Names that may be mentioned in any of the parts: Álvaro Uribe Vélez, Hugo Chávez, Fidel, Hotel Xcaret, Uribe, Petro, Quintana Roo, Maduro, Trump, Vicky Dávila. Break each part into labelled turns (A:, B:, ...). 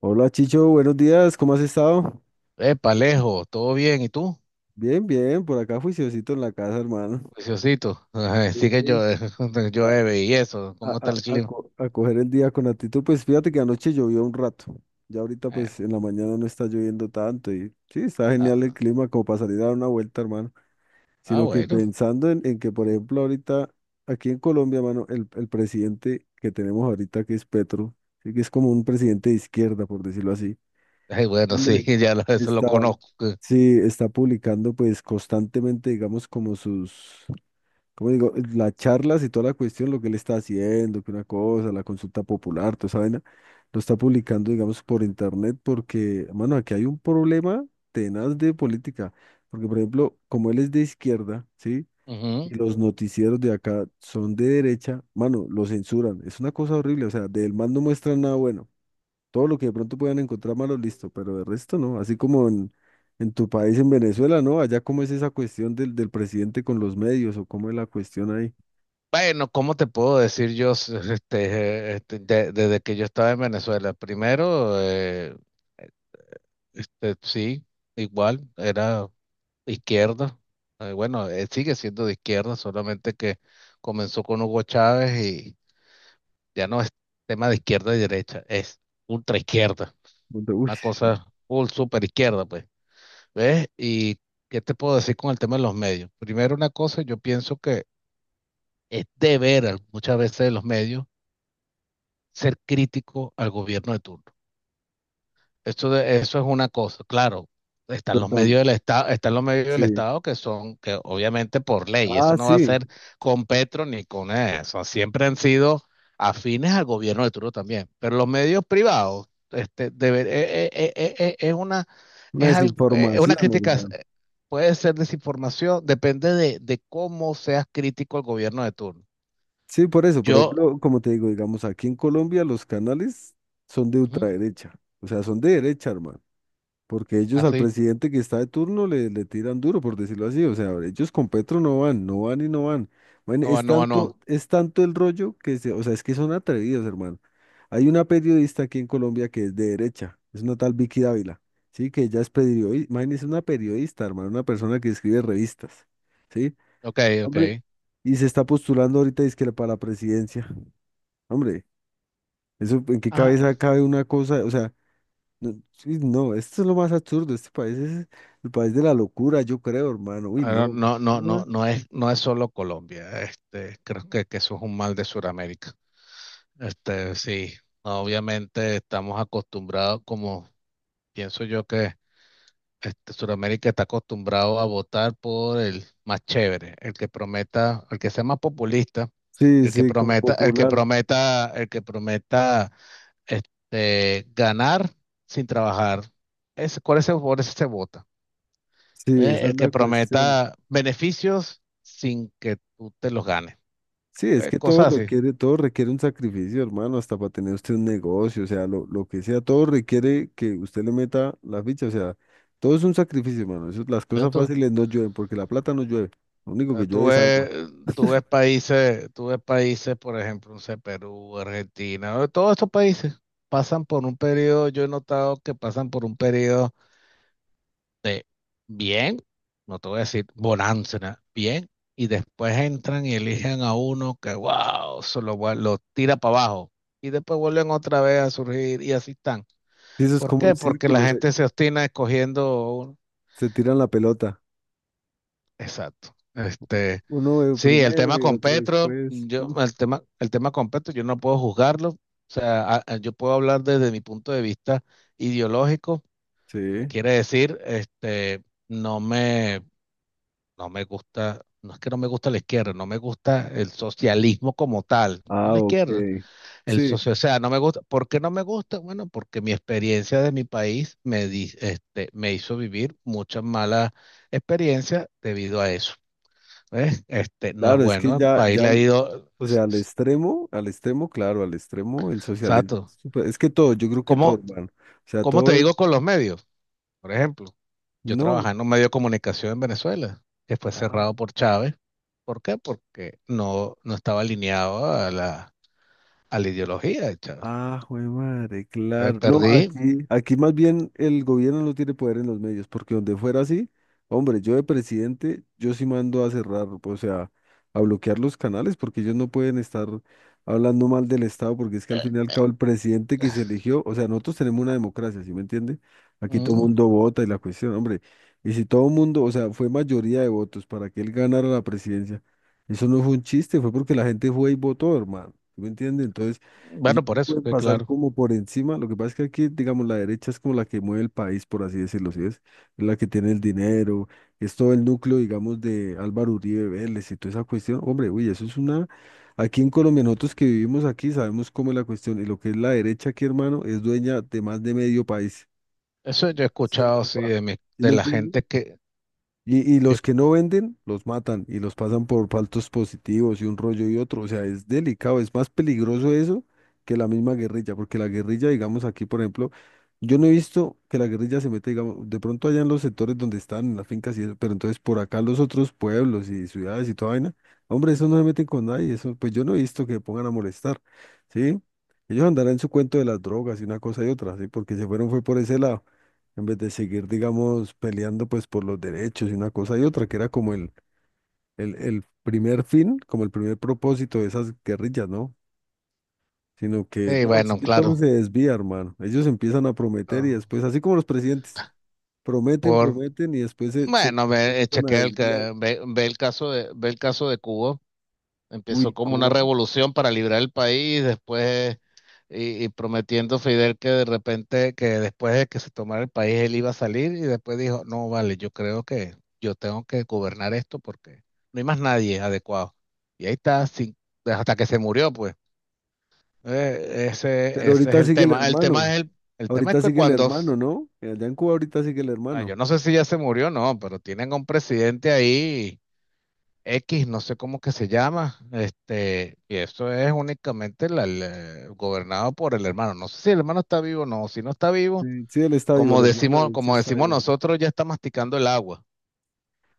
A: Hola Chicho, buenos días, ¿cómo has estado?
B: Epa, Alejo, ¿todo bien? ¿Y tú?
A: Bien, por acá juiciosito en la casa, hermano.
B: Preciosito. Ajá, sí que yo,
A: Sí. A,
B: llueve y eso.
A: a-
B: ¿Cómo está el
A: a- a
B: clima?
A: co- a coger el día con actitud, pues fíjate que anoche llovió un rato, ya ahorita
B: Eh,
A: pues en la mañana no está lloviendo tanto y sí, está genial el
B: ah,
A: clima como para salir a dar una vuelta, hermano, sino que
B: bueno.
A: pensando en que, por ejemplo, ahorita aquí en Colombia, hermano, el presidente que tenemos ahorita que es Petro, sí que es como un presidente de izquierda, por decirlo así.
B: Ay, bueno, sí,
A: Hombre,
B: ya eso lo
A: está,
B: conozco.
A: sí, está publicando pues constantemente, digamos, como sus, como digo, las charlas y toda la cuestión, lo que él está haciendo, que una cosa, la consulta popular, toda esa vaina, lo está publicando, digamos, por internet, porque, mano, aquí hay un problema tenaz de política, porque, por ejemplo, como él es de izquierda, ¿sí?
B: Ujú.
A: Y los noticieros de acá son de derecha, mano, lo censuran, es una cosa horrible, o sea, del man no muestran nada bueno. Todo lo que de pronto puedan encontrar malo, listo, pero de resto no. Así como en tu país, en Venezuela, ¿no? Allá, ¿cómo es esa cuestión del presidente con los medios o cómo es la cuestión ahí?
B: Bueno, ¿cómo te puedo decir yo desde que yo estaba en Venezuela? Primero, sí, igual, era izquierda. Bueno, sigue siendo de izquierda, solamente que comenzó con Hugo Chávez, ya no es tema de izquierda y derecha, es ultra izquierda,
A: Donde, uy,
B: una cosa full super izquierda, pues. ¿Ves? ¿Y qué te puedo decir con el tema de los medios? Primero, una cosa, yo pienso que es deber muchas veces de los medios ser crítico al gobierno de turno. Eso, eso es una cosa, claro.
A: yo
B: Están los
A: tam-
B: medios del Estado, están los medios del
A: sí.
B: Estado que son, que obviamente por ley, eso
A: Ah,
B: no va
A: sí,
B: a ser con Petro ni con eso. Siempre han sido afines al gobierno de turno también. Pero los medios privados, este, es una,
A: una
B: es
A: desinformación,
B: una crítica,
A: hermano.
B: puede ser desinformación, depende de cómo seas crítico al gobierno de turno.
A: Sí, por eso, por
B: Yo,
A: ejemplo, como te digo, digamos, aquí en Colombia los canales son de
B: ujú,
A: ultraderecha, o sea, son de derecha, hermano. Porque ellos al
B: así,
A: presidente que está de turno le tiran duro, por decirlo así. O sea, ellos con Petro no van, no van y no van. Bueno,
B: no va,
A: es
B: no va, no.
A: tanto, es tanto el rollo que se, o sea, es que son atrevidos, hermano. Hay una periodista aquí en Colombia que es de derecha, es una tal Vicky Dávila, ¿sí? Que ella es periodista, imagínese una periodista, hermano, una persona que escribe revistas, ¿sí?
B: Ok, ok.
A: Hombre, y se está postulando ahorita, es que para la presidencia. Hombre, eso, ¿en qué cabeza cabe una cosa? O sea, no, sí, no, esto es lo más absurdo. Este país es el país de la locura, yo creo, hermano. Uy,
B: Ah,
A: no, qué
B: no, no, no,
A: locura.
B: no es, no es solo Colombia. Este, creo que eso es un mal de Sudamérica. Este, sí, obviamente estamos acostumbrados, como pienso yo que Sudamérica está acostumbrado a votar por el más chévere, el que prometa, el que sea más populista,
A: Sí,
B: el que
A: sí, como
B: prometa, el que
A: popular.
B: prometa, el que prometa ganar sin trabajar. Ese, por ese, por ese se vota.
A: Sí,
B: ¿Eh?
A: esa es
B: El que
A: la cuestión.
B: prometa beneficios sin que tú te los ganes.
A: Sí, es que todo
B: Cosas así.
A: requiere, todo requiere un sacrificio, hermano, hasta para tener usted un negocio, o sea, lo que sea, todo requiere que usted le meta la ficha, o sea, todo es un sacrificio, hermano. Eso, las
B: ¿Ves
A: cosas
B: tú?
A: fáciles no llueven, porque la plata no llueve. Lo único
B: Eh,
A: que
B: Tú
A: llueve es
B: ves,
A: agua.
B: tú ves países, por ejemplo, no sé, Perú, Argentina, todos estos países pasan por un periodo, yo he notado que pasan por un periodo de bien, no te voy a decir bonanza, ¿no? Bien, y después entran y eligen a uno que, wow, lo tira para abajo, y después vuelven otra vez a surgir y así están.
A: Y eso es
B: ¿Por
A: como
B: qué?
A: un
B: Porque la
A: círculo,
B: gente se obstina escogiendo un—
A: se tiran la pelota.
B: Exacto. Este,
A: Uno
B: sí,
A: primero y el otro después. Mm.
B: El tema con Petro, yo no puedo juzgarlo. O sea, yo puedo hablar desde mi punto de vista ideológico.
A: Sí.
B: Quiere decir, este, no me, no me gusta, no es que no me gusta la izquierda, no me gusta el socialismo como tal. No
A: Ah,
B: la
A: ok.
B: izquierda. El
A: Sí,
B: socio, o sea, no me gusta. ¿Por qué no me gusta? Bueno, porque mi experiencia de mi país me hizo vivir muchas malas experiencias debido a eso. ¿Ves? Este, no es
A: claro, es que
B: bueno. El país le ha ido.
A: o sea, al extremo, claro, al extremo, el socialismo, es
B: Exacto.
A: súper... es que todo, yo creo que todo,
B: ¿Cómo,
A: hermano. O sea,
B: cómo te
A: todo es,
B: digo con los medios? Por ejemplo, yo
A: no.
B: trabajaba en un medio de comunicación en Venezuela, que fue cerrado por Chávez. ¿Por qué? Porque no, no estaba alineado a a la ideología de Chávez.
A: Ah, jue madre, claro. No,
B: Perdí.
A: aquí, aquí más bien el gobierno no tiene poder en los medios, porque donde fuera así, hombre, yo de presidente, yo sí mando a cerrar, o sea, a bloquear los canales, porque ellos no pueden estar hablando mal del Estado, porque es que al fin y al cabo el presidente que se eligió, o sea, nosotros tenemos una democracia, ¿sí me entiende? Aquí todo el
B: Mm,
A: mundo vota y la cuestión, hombre, y si todo el mundo, o sea, fue mayoría de votos para que él ganara la presidencia, eso no fue un chiste, fue porque la gente fue y votó, hermano, ¿sí me entiende? Entonces... Ellos
B: bueno,
A: no
B: por eso,
A: pueden
B: que
A: pasar
B: claro.
A: como por encima. Lo que pasa es que aquí, digamos, la derecha es como la que mueve el país, por así decirlo, ¿sí ves? Es la que tiene el dinero, es todo el núcleo, digamos, de Álvaro Uribe Vélez y toda esa cuestión. Hombre, uy, eso es una... Aquí en Colombia, nosotros que vivimos aquí, sabemos cómo es la cuestión. Y lo que es la derecha aquí, hermano, es dueña de más de medio país.
B: Eso yo he
A: Así en
B: escuchado,
A: voz
B: sí,
A: baja. ¿Sí
B: de
A: me
B: la
A: entiendes?
B: gente que,
A: Y
B: yo,
A: los que no venden, los matan y los pasan por faltos positivos y un rollo y otro. O sea, es delicado, es más peligroso eso que la misma guerrilla, porque la guerrilla, digamos aquí, por ejemplo, yo no he visto que la guerrilla se meta digamos, de pronto allá en los sectores donde están, en las fincas y eso, pero entonces por acá los otros pueblos y ciudades y toda vaina, hombre, eso no se meten con nadie, eso, pues yo no he visto que pongan a molestar, ¿sí? Ellos andarán en su cuento de las drogas y una cosa y otra, ¿sí? Porque se fueron fue por ese lado en vez de seguir, digamos, peleando pues por los derechos y una cosa y otra, que era como el primer fin, como el primer propósito de esas guerrillas, ¿no? Sino que,
B: sí,
A: no, es
B: bueno,
A: que todo
B: claro,
A: se desvía, hermano. Ellos empiezan a prometer y
B: ah,
A: después, así como los presidentes, prometen,
B: por,
A: prometen y después se
B: bueno, ve,
A: empiezan a desviar.
B: ve, ve el caso de, ve el caso de Cuba, empezó
A: Uy,
B: como una
A: Cuba.
B: revolución para librar el país, después, y prometiendo Fidel que de repente, que después de que se tomara el país, él iba a salir, y después dijo, no, vale, yo creo que yo tengo que gobernar esto porque no hay más nadie adecuado. Y ahí está, hasta que se murió, pues.
A: Pero
B: Ese es
A: ahorita
B: el
A: sigue el
B: tema.
A: hermano,
B: El tema es
A: ahorita
B: que
A: sigue el hermano, ¿no? Allá en Cuba ahorita sigue el
B: ah,
A: hermano.
B: yo no sé si ya se murió o no, pero tienen a un presidente ahí, X, no sé cómo que se llama, este, y eso es únicamente gobernado por el hermano. No sé si el hermano está vivo o no, si no está vivo,
A: Sí, sí, él está vivo, el hermano, él sí
B: como
A: está
B: decimos
A: vivo.
B: nosotros, ya está masticando el agua.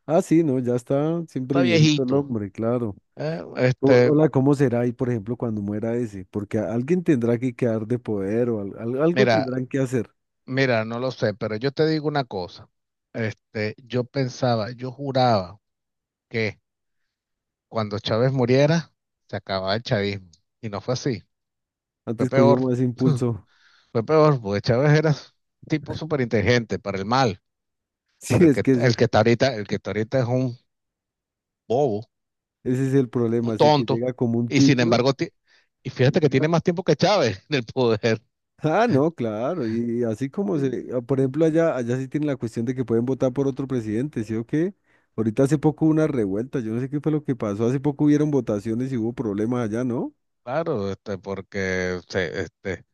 A: Ah, sí, no, ya está siempre
B: Está
A: viejito el
B: viejito.
A: hombre, claro.
B: eh, este,
A: Hola, ¿cómo será ahí, por ejemplo, cuando muera ese? Porque alguien tendrá que quedar de poder o algo
B: mira,
A: tendrán que hacer.
B: mira, no lo sé, pero yo te digo una cosa. Este, yo pensaba, yo juraba que cuando Chávez muriera, se acababa el chavismo. Y no fue así, fue
A: Antes cogió
B: peor.
A: más impulso.
B: Fue peor, porque Chávez era tipo súper inteligente para el mal,
A: Sí,
B: pero
A: es que ese,
B: el que está ahorita, el que está ahorita es un bobo,
A: ese es el problema.
B: un
A: Así que
B: tonto,
A: llega como un
B: y sin
A: tibio.
B: embargo, y fíjate que tiene
A: llega-
B: más tiempo que Chávez en el poder.
A: Ah, no, claro. Y así como se, ah, por ejemplo, allá, allá sí tiene la cuestión de que pueden votar por otro presidente, ¿sí o qué? Ahorita hace poco hubo una revuelta, yo no sé qué fue lo que pasó. Hace poco hubieron votaciones y hubo problemas allá, ¿no?
B: Claro, este, porque se- este,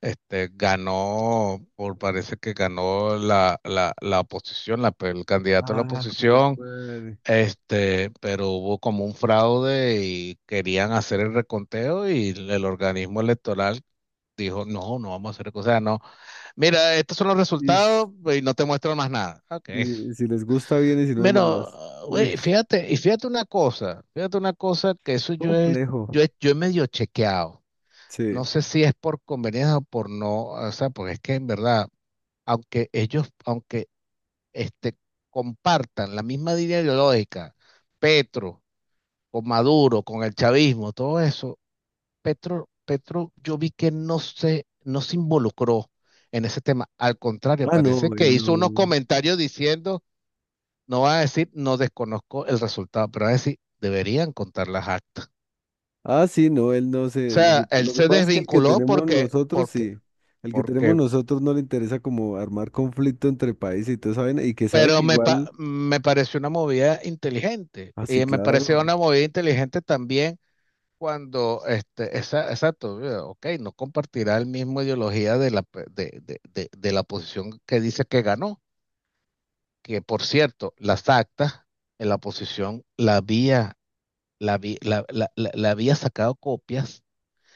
B: este, ganó, por parece que ganó la oposición, la, el candidato a la
A: Ah, jue
B: oposición.
A: madre.
B: Este, pero hubo como un fraude y querían hacer el reconteo y el organismo electoral dijo, no, no vamos a hacer, o no, mira, estos son los
A: Y, s-
B: resultados y no te muestro más nada. Okay.
A: y si les gusta bien y si no de
B: Pero,
A: malas. Uy.
B: güey, fíjate, y fíjate una cosa que eso
A: Complejo.
B: yo he medio chequeado. No
A: Sí.
B: sé si es por conveniencia o por no, o sea, porque es que en verdad, aunque este, compartan la misma línea ideológica, Petro, con Maduro, con el chavismo, todo eso, Petro, yo vi que no se involucró en ese tema. Al contrario,
A: Ah, no,
B: parece que
A: él
B: hizo unos
A: no.
B: comentarios diciendo, no va a decir, no desconozco el resultado, pero va a decir, deberían contar las actas.
A: Ah, sí, no, él no
B: O
A: se. Lo que,
B: sea, él
A: lo que
B: se
A: pasa es que el que
B: desvinculó
A: tenemos nosotros, sí. El que tenemos
B: porque,
A: nosotros no le interesa como armar conflicto entre países y todo, ¿saben? Y que sabe que igual.
B: me pareció una movida inteligente.
A: Ah, sí,
B: Y me
A: claro.
B: pareció una movida inteligente también cuando, exacto, ok, no compartirá el mismo ideología de la, pe- de la posición que dice que ganó, que por cierto, las actas en la oposición la había, la, vi- la- la- la había sacado copias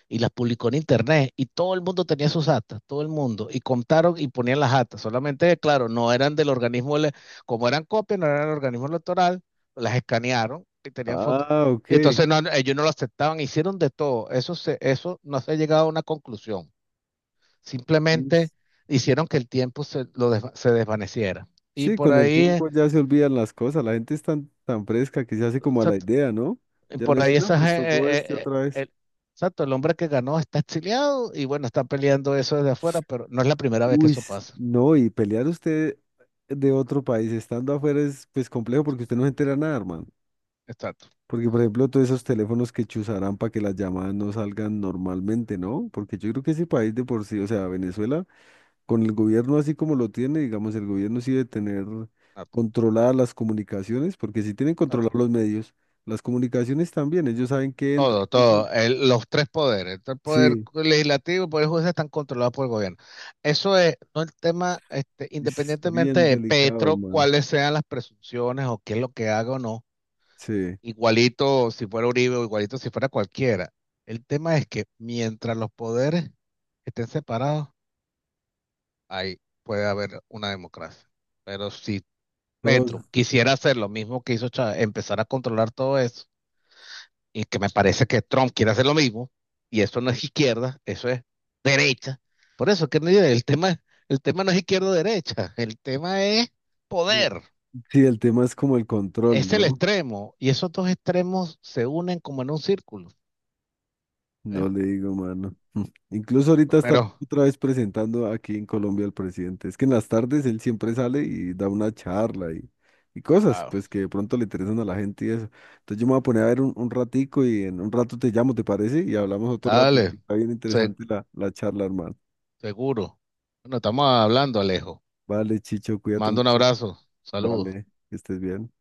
B: y las publicó en internet y todo el mundo tenía sus actas, todo el mundo, y contaron y ponían las actas, solamente, claro, no eran del organismo, como eran copias, no eran del organismo electoral, las escanearon y tenían fotos.
A: Ah, ok.
B: Entonces no, ellos no lo aceptaban, hicieron de todo, eso, se, eso no se ha llegado a una conclusión,
A: Sí,
B: simplemente
A: s-
B: hicieron que el tiempo se desvaneciera. Y
A: sí,
B: por
A: con el
B: ahí eh,
A: tiempo ya se olvidan las cosas. La gente es tan fresca que se hace como a
B: se,
A: la idea, ¿no? Ya no
B: Por
A: dice,
B: ahí
A: no,
B: esas,
A: pues tocó este otra vez.
B: exacto, el hombre que ganó está exiliado y bueno, está peleando eso desde afuera, pero no es la primera vez que eso pasa.
A: No, y pelear usted de otro país estando afuera es pues complejo porque usted no se entera nada, hermano.
B: Exacto,
A: Porque, por ejemplo, todos esos teléfonos que chuzarán para que las llamadas no salgan normalmente, ¿no? Porque yo creo que ese país de por sí, o sea, Venezuela, con el gobierno así como lo tiene, digamos, el gobierno sí debe tener
B: exacto,
A: controladas las comunicaciones, porque sí tienen controlados
B: exacto.
A: los medios, las comunicaciones también, ellos saben qué entra y
B: Todo,
A: qué sale.
B: todo. Los tres poderes, el poder
A: Sí,
B: legislativo y el poder judicial están controlados por el gobierno. Eso es, no el tema, este,
A: es
B: independientemente
A: bien
B: de
A: delicado,
B: Petro,
A: man.
B: cuáles sean las presunciones o qué es lo que haga o no.
A: Sí,
B: Igualito si fuera Uribe o igualito si fuera cualquiera. El tema es que mientras los poderes estén separados, ahí puede haber una democracia. Pero si
A: todos,
B: Petro quisiera hacer lo mismo que hizo Chávez, empezar a controlar todo eso, y que me parece que Trump quiere hacer lo mismo, y eso no es izquierda, eso es derecha. Por eso que no- el tema no es izquierda o derecha, el tema es poder,
A: sí, el tema es como el control,
B: es el
A: ¿no?
B: extremo, y esos dos extremos se unen como en un círculo. ¿Eh?
A: No le digo, mano. Mm. Incluso ahorita está
B: Pero
A: otra vez presentando aquí en Colombia al presidente. Es que en las tardes él siempre sale y da una charla y cosas,
B: claro.
A: pues que de pronto le interesan a la gente y eso. Entonces yo me voy a poner a ver un ratico y en un rato te llamo, ¿te parece? Y hablamos otro rato,
B: Dale,
A: que está bien
B: se-
A: interesante la, la charla, hermano.
B: seguro. Bueno, estamos hablando, Alejo.
A: Vale, Chicho, cuídate
B: Mando un
A: mucho.
B: abrazo. Saludos.
A: Vale, que estés bien.